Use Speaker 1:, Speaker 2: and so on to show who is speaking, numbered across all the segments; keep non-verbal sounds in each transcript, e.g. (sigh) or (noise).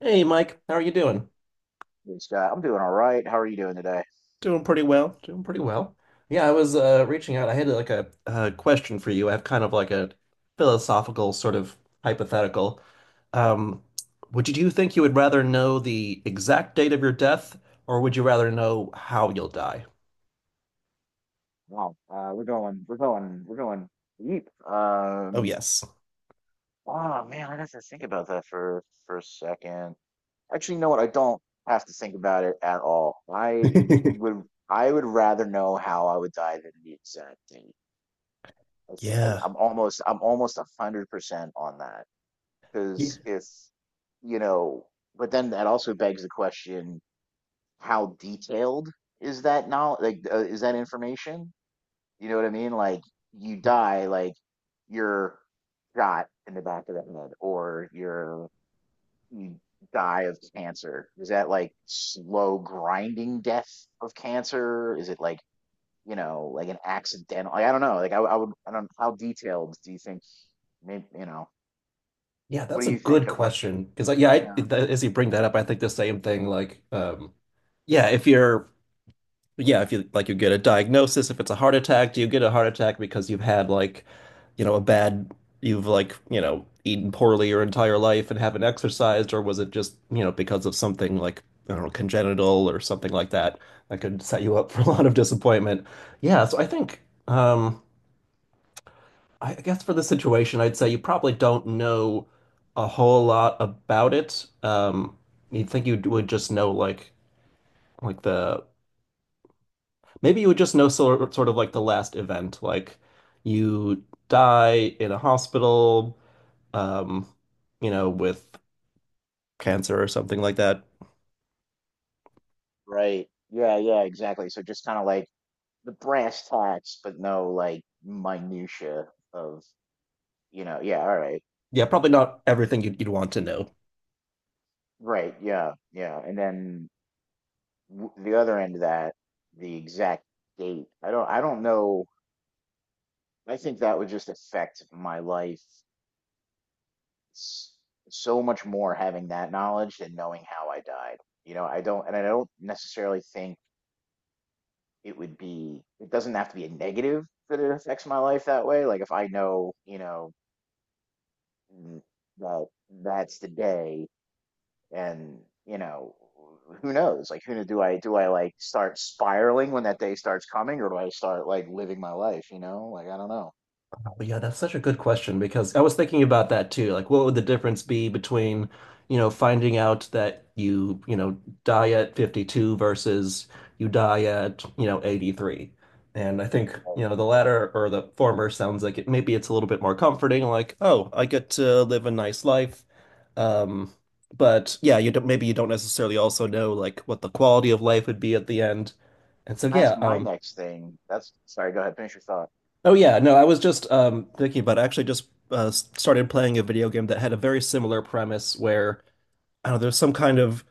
Speaker 1: Hey Mike, how are you doing?
Speaker 2: Hey, Scott, I'm doing all right. How are you doing today?
Speaker 1: Doing pretty well. Doing pretty well. Yeah, I was reaching out. I had like a, question for you. I have kind of like a philosophical sort of hypothetical. Um, would you, do you think you would rather know the exact date of your death, or would you rather know how you'll die?
Speaker 2: We're going deep.
Speaker 1: Oh yes.
Speaker 2: Oh man, I got to think about that for a second. Actually, you know what? I don't have to think about it at all.
Speaker 1: (laughs)
Speaker 2: Would, I would rather know how I would die than the exact thing.
Speaker 1: Yeah.
Speaker 2: I'm almost 100% on that
Speaker 1: Yeah.
Speaker 2: because if you know, but then that also begs the question: How detailed is that now? Like, is that information? You know what I mean? Like you
Speaker 1: Right.
Speaker 2: die, like you're shot in the back of the head, or you die of cancer. Is that like slow grinding death of cancer? Is it like like an accidental? Like, I don't know. Like, I don't. How detailed do you think? Maybe you know.
Speaker 1: Yeah,
Speaker 2: What
Speaker 1: that's
Speaker 2: do
Speaker 1: a
Speaker 2: you
Speaker 1: good
Speaker 2: think?
Speaker 1: question. Because yeah,
Speaker 2: Yeah.
Speaker 1: as you bring that up, I think the same thing. Like, yeah, if you're yeah, if you like you get a diagnosis, if it's a heart attack, do you get a heart attack because you've had like, you know, a bad you've like, you know, eaten poorly your entire life and haven't exercised, or was it just, you know, because of something like, I don't know, congenital or something like that that could set you up (laughs) for a lot of disappointment. Yeah, so I think um I guess for this situation, I'd say you probably don't know a whole lot about it. You'd think you would just know like the maybe you would just know sort of like the last event, like you die in a hospital, um, you know, with cancer or something like that.
Speaker 2: Right. Yeah. Yeah. Exactly. So just kind of like the brass tacks, but no like minutia of. Yeah. All right.
Speaker 1: Yeah, probably not everything you'd want to know.
Speaker 2: Right. Yeah. Yeah. And then the other end of that, the exact date. I don't know. I think that would just affect my life s- so much more having that knowledge than knowing how I died. I don't necessarily think it doesn't have to be a negative that it affects my life that way. Like if I know, mm, that that's the day and you know who knows like do I like start spiraling when that day starts coming or do I start like living my life like I don't know.
Speaker 1: But yeah, that's such a good question because I was thinking about that too. Like, what would the difference be between, you know, finding out that you know, die at 52 versus you die at, you know, 83? And I think,
Speaker 2: Well,
Speaker 1: you know, the latter or the former sounds like it maybe it's a little bit more comforting, like, oh, I get to live a nice life. Um, but yeah, you don't, maybe you don't necessarily also know like what the quality of life would be at the end. And so
Speaker 2: that's
Speaker 1: yeah,
Speaker 2: my next thing. That's— sorry, go ahead, finish your thought.
Speaker 1: oh yeah, no, I was just thinking about it. I actually just started playing a video game that had a very similar premise where I don't know, there's some kind of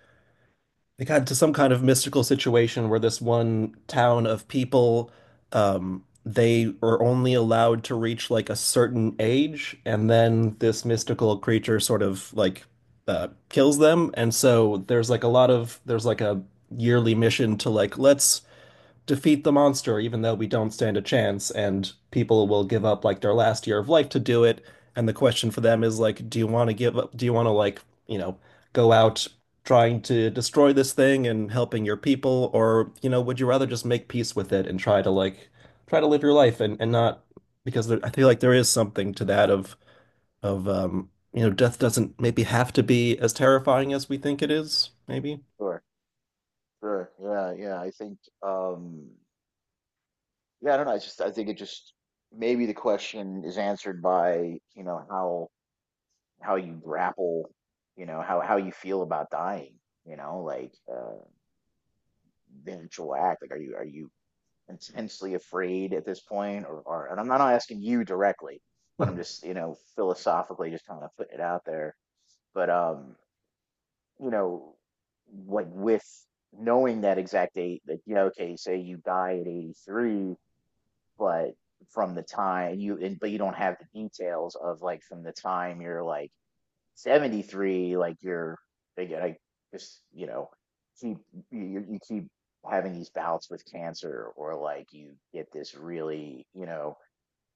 Speaker 1: they got into some kind of mystical situation where this one town of people they are only allowed to reach like a certain age, and then this mystical creature sort of like kills them, and so there's like a yearly mission to like let's defeat the monster, even though we don't stand a chance, and people will give up like their last year of life to do it. And the question for them is like, do you want to give up? Do you want to like, you know, go out trying to destroy this thing and helping your people, or you know, would you rather just make peace with it and try to like try to live your life and not I feel like there is something to that of you know, death doesn't maybe have to be as terrifying as we think it is, maybe.
Speaker 2: Sure. Sure. Yeah. Yeah. I think um yeah, I don't know. I think it just— maybe the question is answered by how you grapple, how you feel about dying, you know, like, the actual act, like, are you, are you intensely afraid at this point? Or, and I'm not asking you directly, but I'm
Speaker 1: Hmm.
Speaker 2: just, you know, philosophically just kind of putting it out there. But you know, like with knowing that exact date, that, you know, okay, say you die at 83, but from the time you— and but you don't have the details of like from the time you're like 73, like you're— again, I just, you know, keep— you keep having these bouts with cancer, or like you get this really, you know,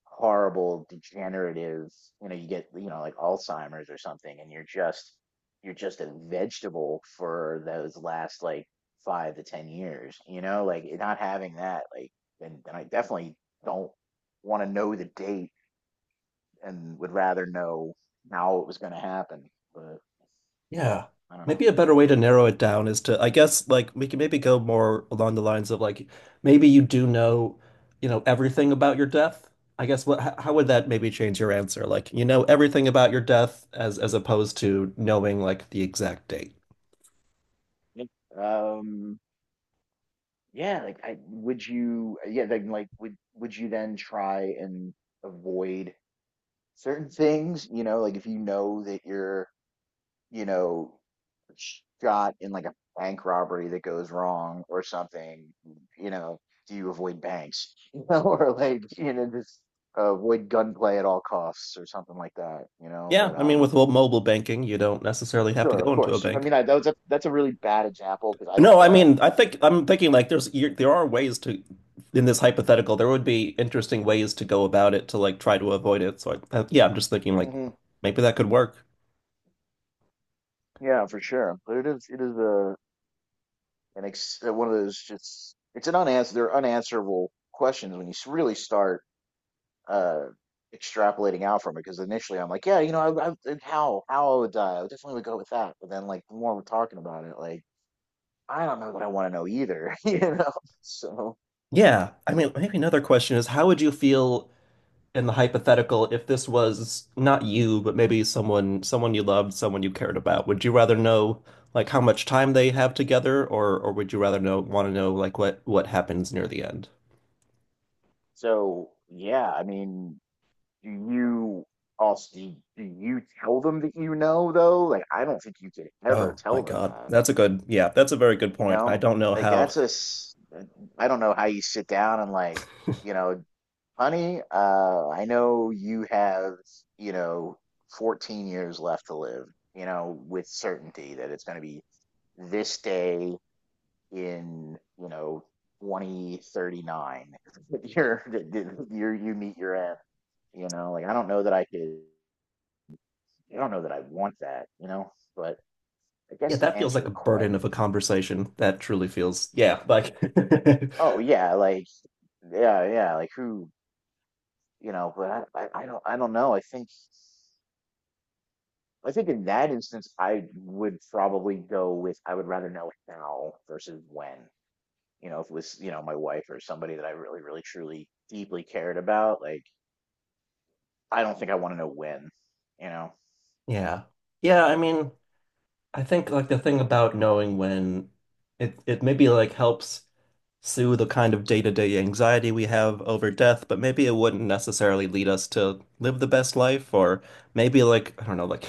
Speaker 2: horrible degenerative, you know, you get, you know, like alzheimer's or something, and you're just— you're just a vegetable for those last like 5 to 10 years, you know, like not having that, like— and I definitely don't want to know the date and would rather know how it was going to happen. But you know,
Speaker 1: Yeah.
Speaker 2: I don't know.
Speaker 1: Maybe a better way to narrow it down is to, I guess, like we can maybe go more along the lines of like maybe you do know, you know, everything about your death. I guess how would that maybe change your answer? Like you know everything about your death as opposed to knowing like the exact date.
Speaker 2: Like, Um, yeah, like I would you yeah, then like would you then try and avoid certain things? You know, like if you know that you're, you know, shot in like a bank robbery that goes wrong or something, you know, do you avoid banks? (laughs) You know, or like, you know, just avoid gunplay at all costs or something like that, you know,
Speaker 1: Yeah,
Speaker 2: but
Speaker 1: I mean with mobile banking, you don't necessarily have to
Speaker 2: sure, of
Speaker 1: go into a
Speaker 2: course. I
Speaker 1: bank.
Speaker 2: mean, that was a— that's a really bad example because
Speaker 1: No, I mean, I think I'm thinking like there are ways to in this hypothetical there would be interesting ways to go about it to like try to avoid it. So yeah, I'm just thinking like
Speaker 2: hmm,
Speaker 1: maybe that could work.
Speaker 2: yeah, for sure. But it is, it is a an ex one of those— just it's an unanswer they're unanswerable questions when you really start uh extrapolating out from it. Because initially I'm like, yeah, you know, I, and how I would die, I would definitely would go with that. But then like the more we're talking about it, like I don't know what I want to know either, (laughs) you know. So
Speaker 1: Yeah, I mean, maybe another question is how would you feel in the hypothetical if this was not you, but maybe someone you loved, someone you cared about? Would you rather know like how much time they have together, or would you rather know want to know like what happens near the end?
Speaker 2: so yeah, I mean. Do you— also do you tell them that you know though? Like, I don't think you could ever
Speaker 1: Oh my
Speaker 2: tell them
Speaker 1: God.
Speaker 2: that,
Speaker 1: That's a good, yeah, that's a very good
Speaker 2: you
Speaker 1: point. I
Speaker 2: know?
Speaker 1: don't know
Speaker 2: Like
Speaker 1: how.
Speaker 2: that's a I don't know how you sit down and like, you know, honey, I know you have, you know, 14 years left to live, you know, with certainty that it's going to be this day in, you know, 2039 (laughs) that you're that you're you meet your end, you know? Like I don't know that I want that, you know, but I
Speaker 1: Yeah,
Speaker 2: guess to
Speaker 1: that feels
Speaker 2: answer
Speaker 1: like
Speaker 2: the
Speaker 1: a burden
Speaker 2: question,
Speaker 1: of a conversation. That truly feels, yeah, like,
Speaker 2: oh yeah, like yeah, yeah, like who, you know, but I don't know. I think in that instance, I would probably go with I would rather know how versus when. You know, if it was, you know, my wife or somebody that I really, really, truly, deeply cared about, like I don't think I want to know when. You know,
Speaker 1: (laughs) yeah. Yeah, I mean, I think like the thing about knowing when it maybe like helps soothe a kind of day-to-day anxiety we have over death, but maybe it wouldn't necessarily lead us to live the best life, or maybe like I don't know, like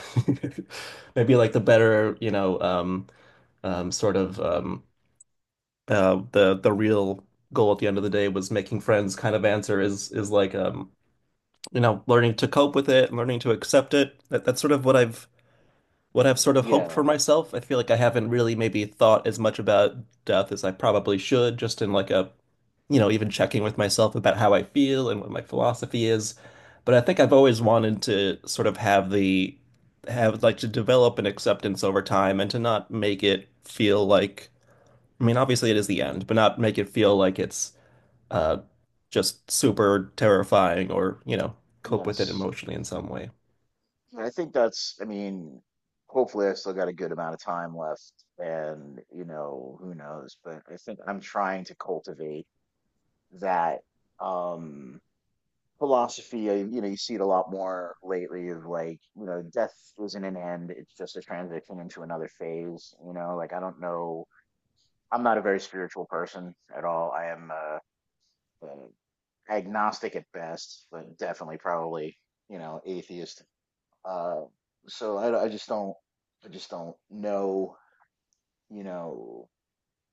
Speaker 1: (laughs) maybe like the better, you know, um, sort of um, the real goal at the end of the day was making friends kind of answer is like you know, learning to cope with it, learning to accept it. That that's sort of what I've
Speaker 2: or,
Speaker 1: sort of hoped
Speaker 2: yeah,
Speaker 1: for myself. I feel like I haven't really maybe thought as much about death as I probably should, just in like a you know, even checking with myself about how I feel and what my philosophy is. But I think I've always wanted to sort of have like to develop an acceptance over time and to not make it feel like I mean, obviously it is the end, but not make it feel like it's uh just super terrifying or, you know, cope with it
Speaker 2: yes.
Speaker 1: emotionally in some way.
Speaker 2: I mean, hopefully I still got a good amount of time left, and, you know, who knows, but I think I'm trying to cultivate that um philosophy. I, you know, you see it a lot more lately of like, you know, death isn't an end, it's just a transition into another phase, you know, like I don't know, I'm not a very spiritual person at all. I am uh agnostic at best, but definitely probably, you know, atheist, uh, so I just don't know, you know,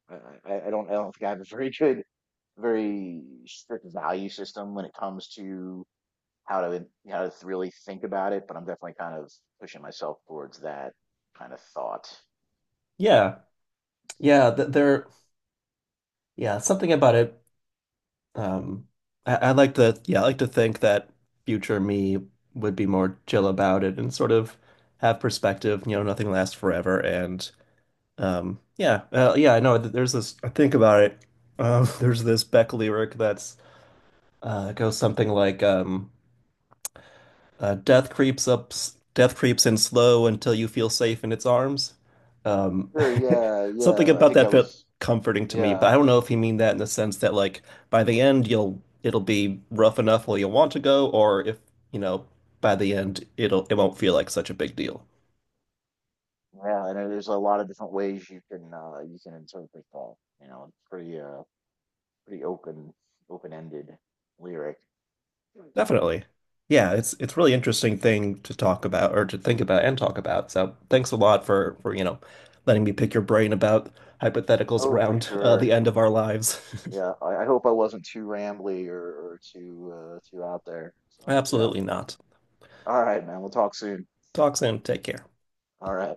Speaker 2: I, I don't think I have a very (laughs) good, very strict value system when it comes to how to, how to really think about it, but I'm definitely kind of pushing myself towards that kind of thought.
Speaker 1: Yeah. Yeah, th there yeah, something about it Um, I like to, yeah, I like to think that future me would be more chill about it and sort of have perspective. You know, nothing lasts forever. And yeah, I know. There's this. I think about it. (laughs) There's this Beck lyric that's goes something like, death creeps up, death creeps in slow until you feel safe in its arms. Um,
Speaker 2: Sure, yeah,
Speaker 1: (laughs) something
Speaker 2: yeah, I
Speaker 1: about
Speaker 2: think
Speaker 1: that
Speaker 2: that
Speaker 1: felt
Speaker 2: was,
Speaker 1: comforting to me, but
Speaker 2: yeah,
Speaker 1: I don't know if you mean that in the sense that like by the end you'll it'll be rough enough where you'll want to go, or if you know by the end it won't feel like such a big deal.
Speaker 2: yeah, I know there's a lot of different ways you can interpret that, you know, it's pretty, pretty open, open-ended lyric. Mm.
Speaker 1: Definitely. Yeah, it's really interesting thing to talk about or to think about and talk about. So thanks a lot for you know letting me pick your brain about hypotheticals
Speaker 2: Oh, for
Speaker 1: around the
Speaker 2: sure.
Speaker 1: end of our lives. (laughs)
Speaker 2: Yeah, I hope I wasn't too rambly, or too too out there. So yeah.
Speaker 1: Absolutely not.
Speaker 2: All right, man. We'll talk soon.
Speaker 1: Talk soon. Take care.
Speaker 2: All right.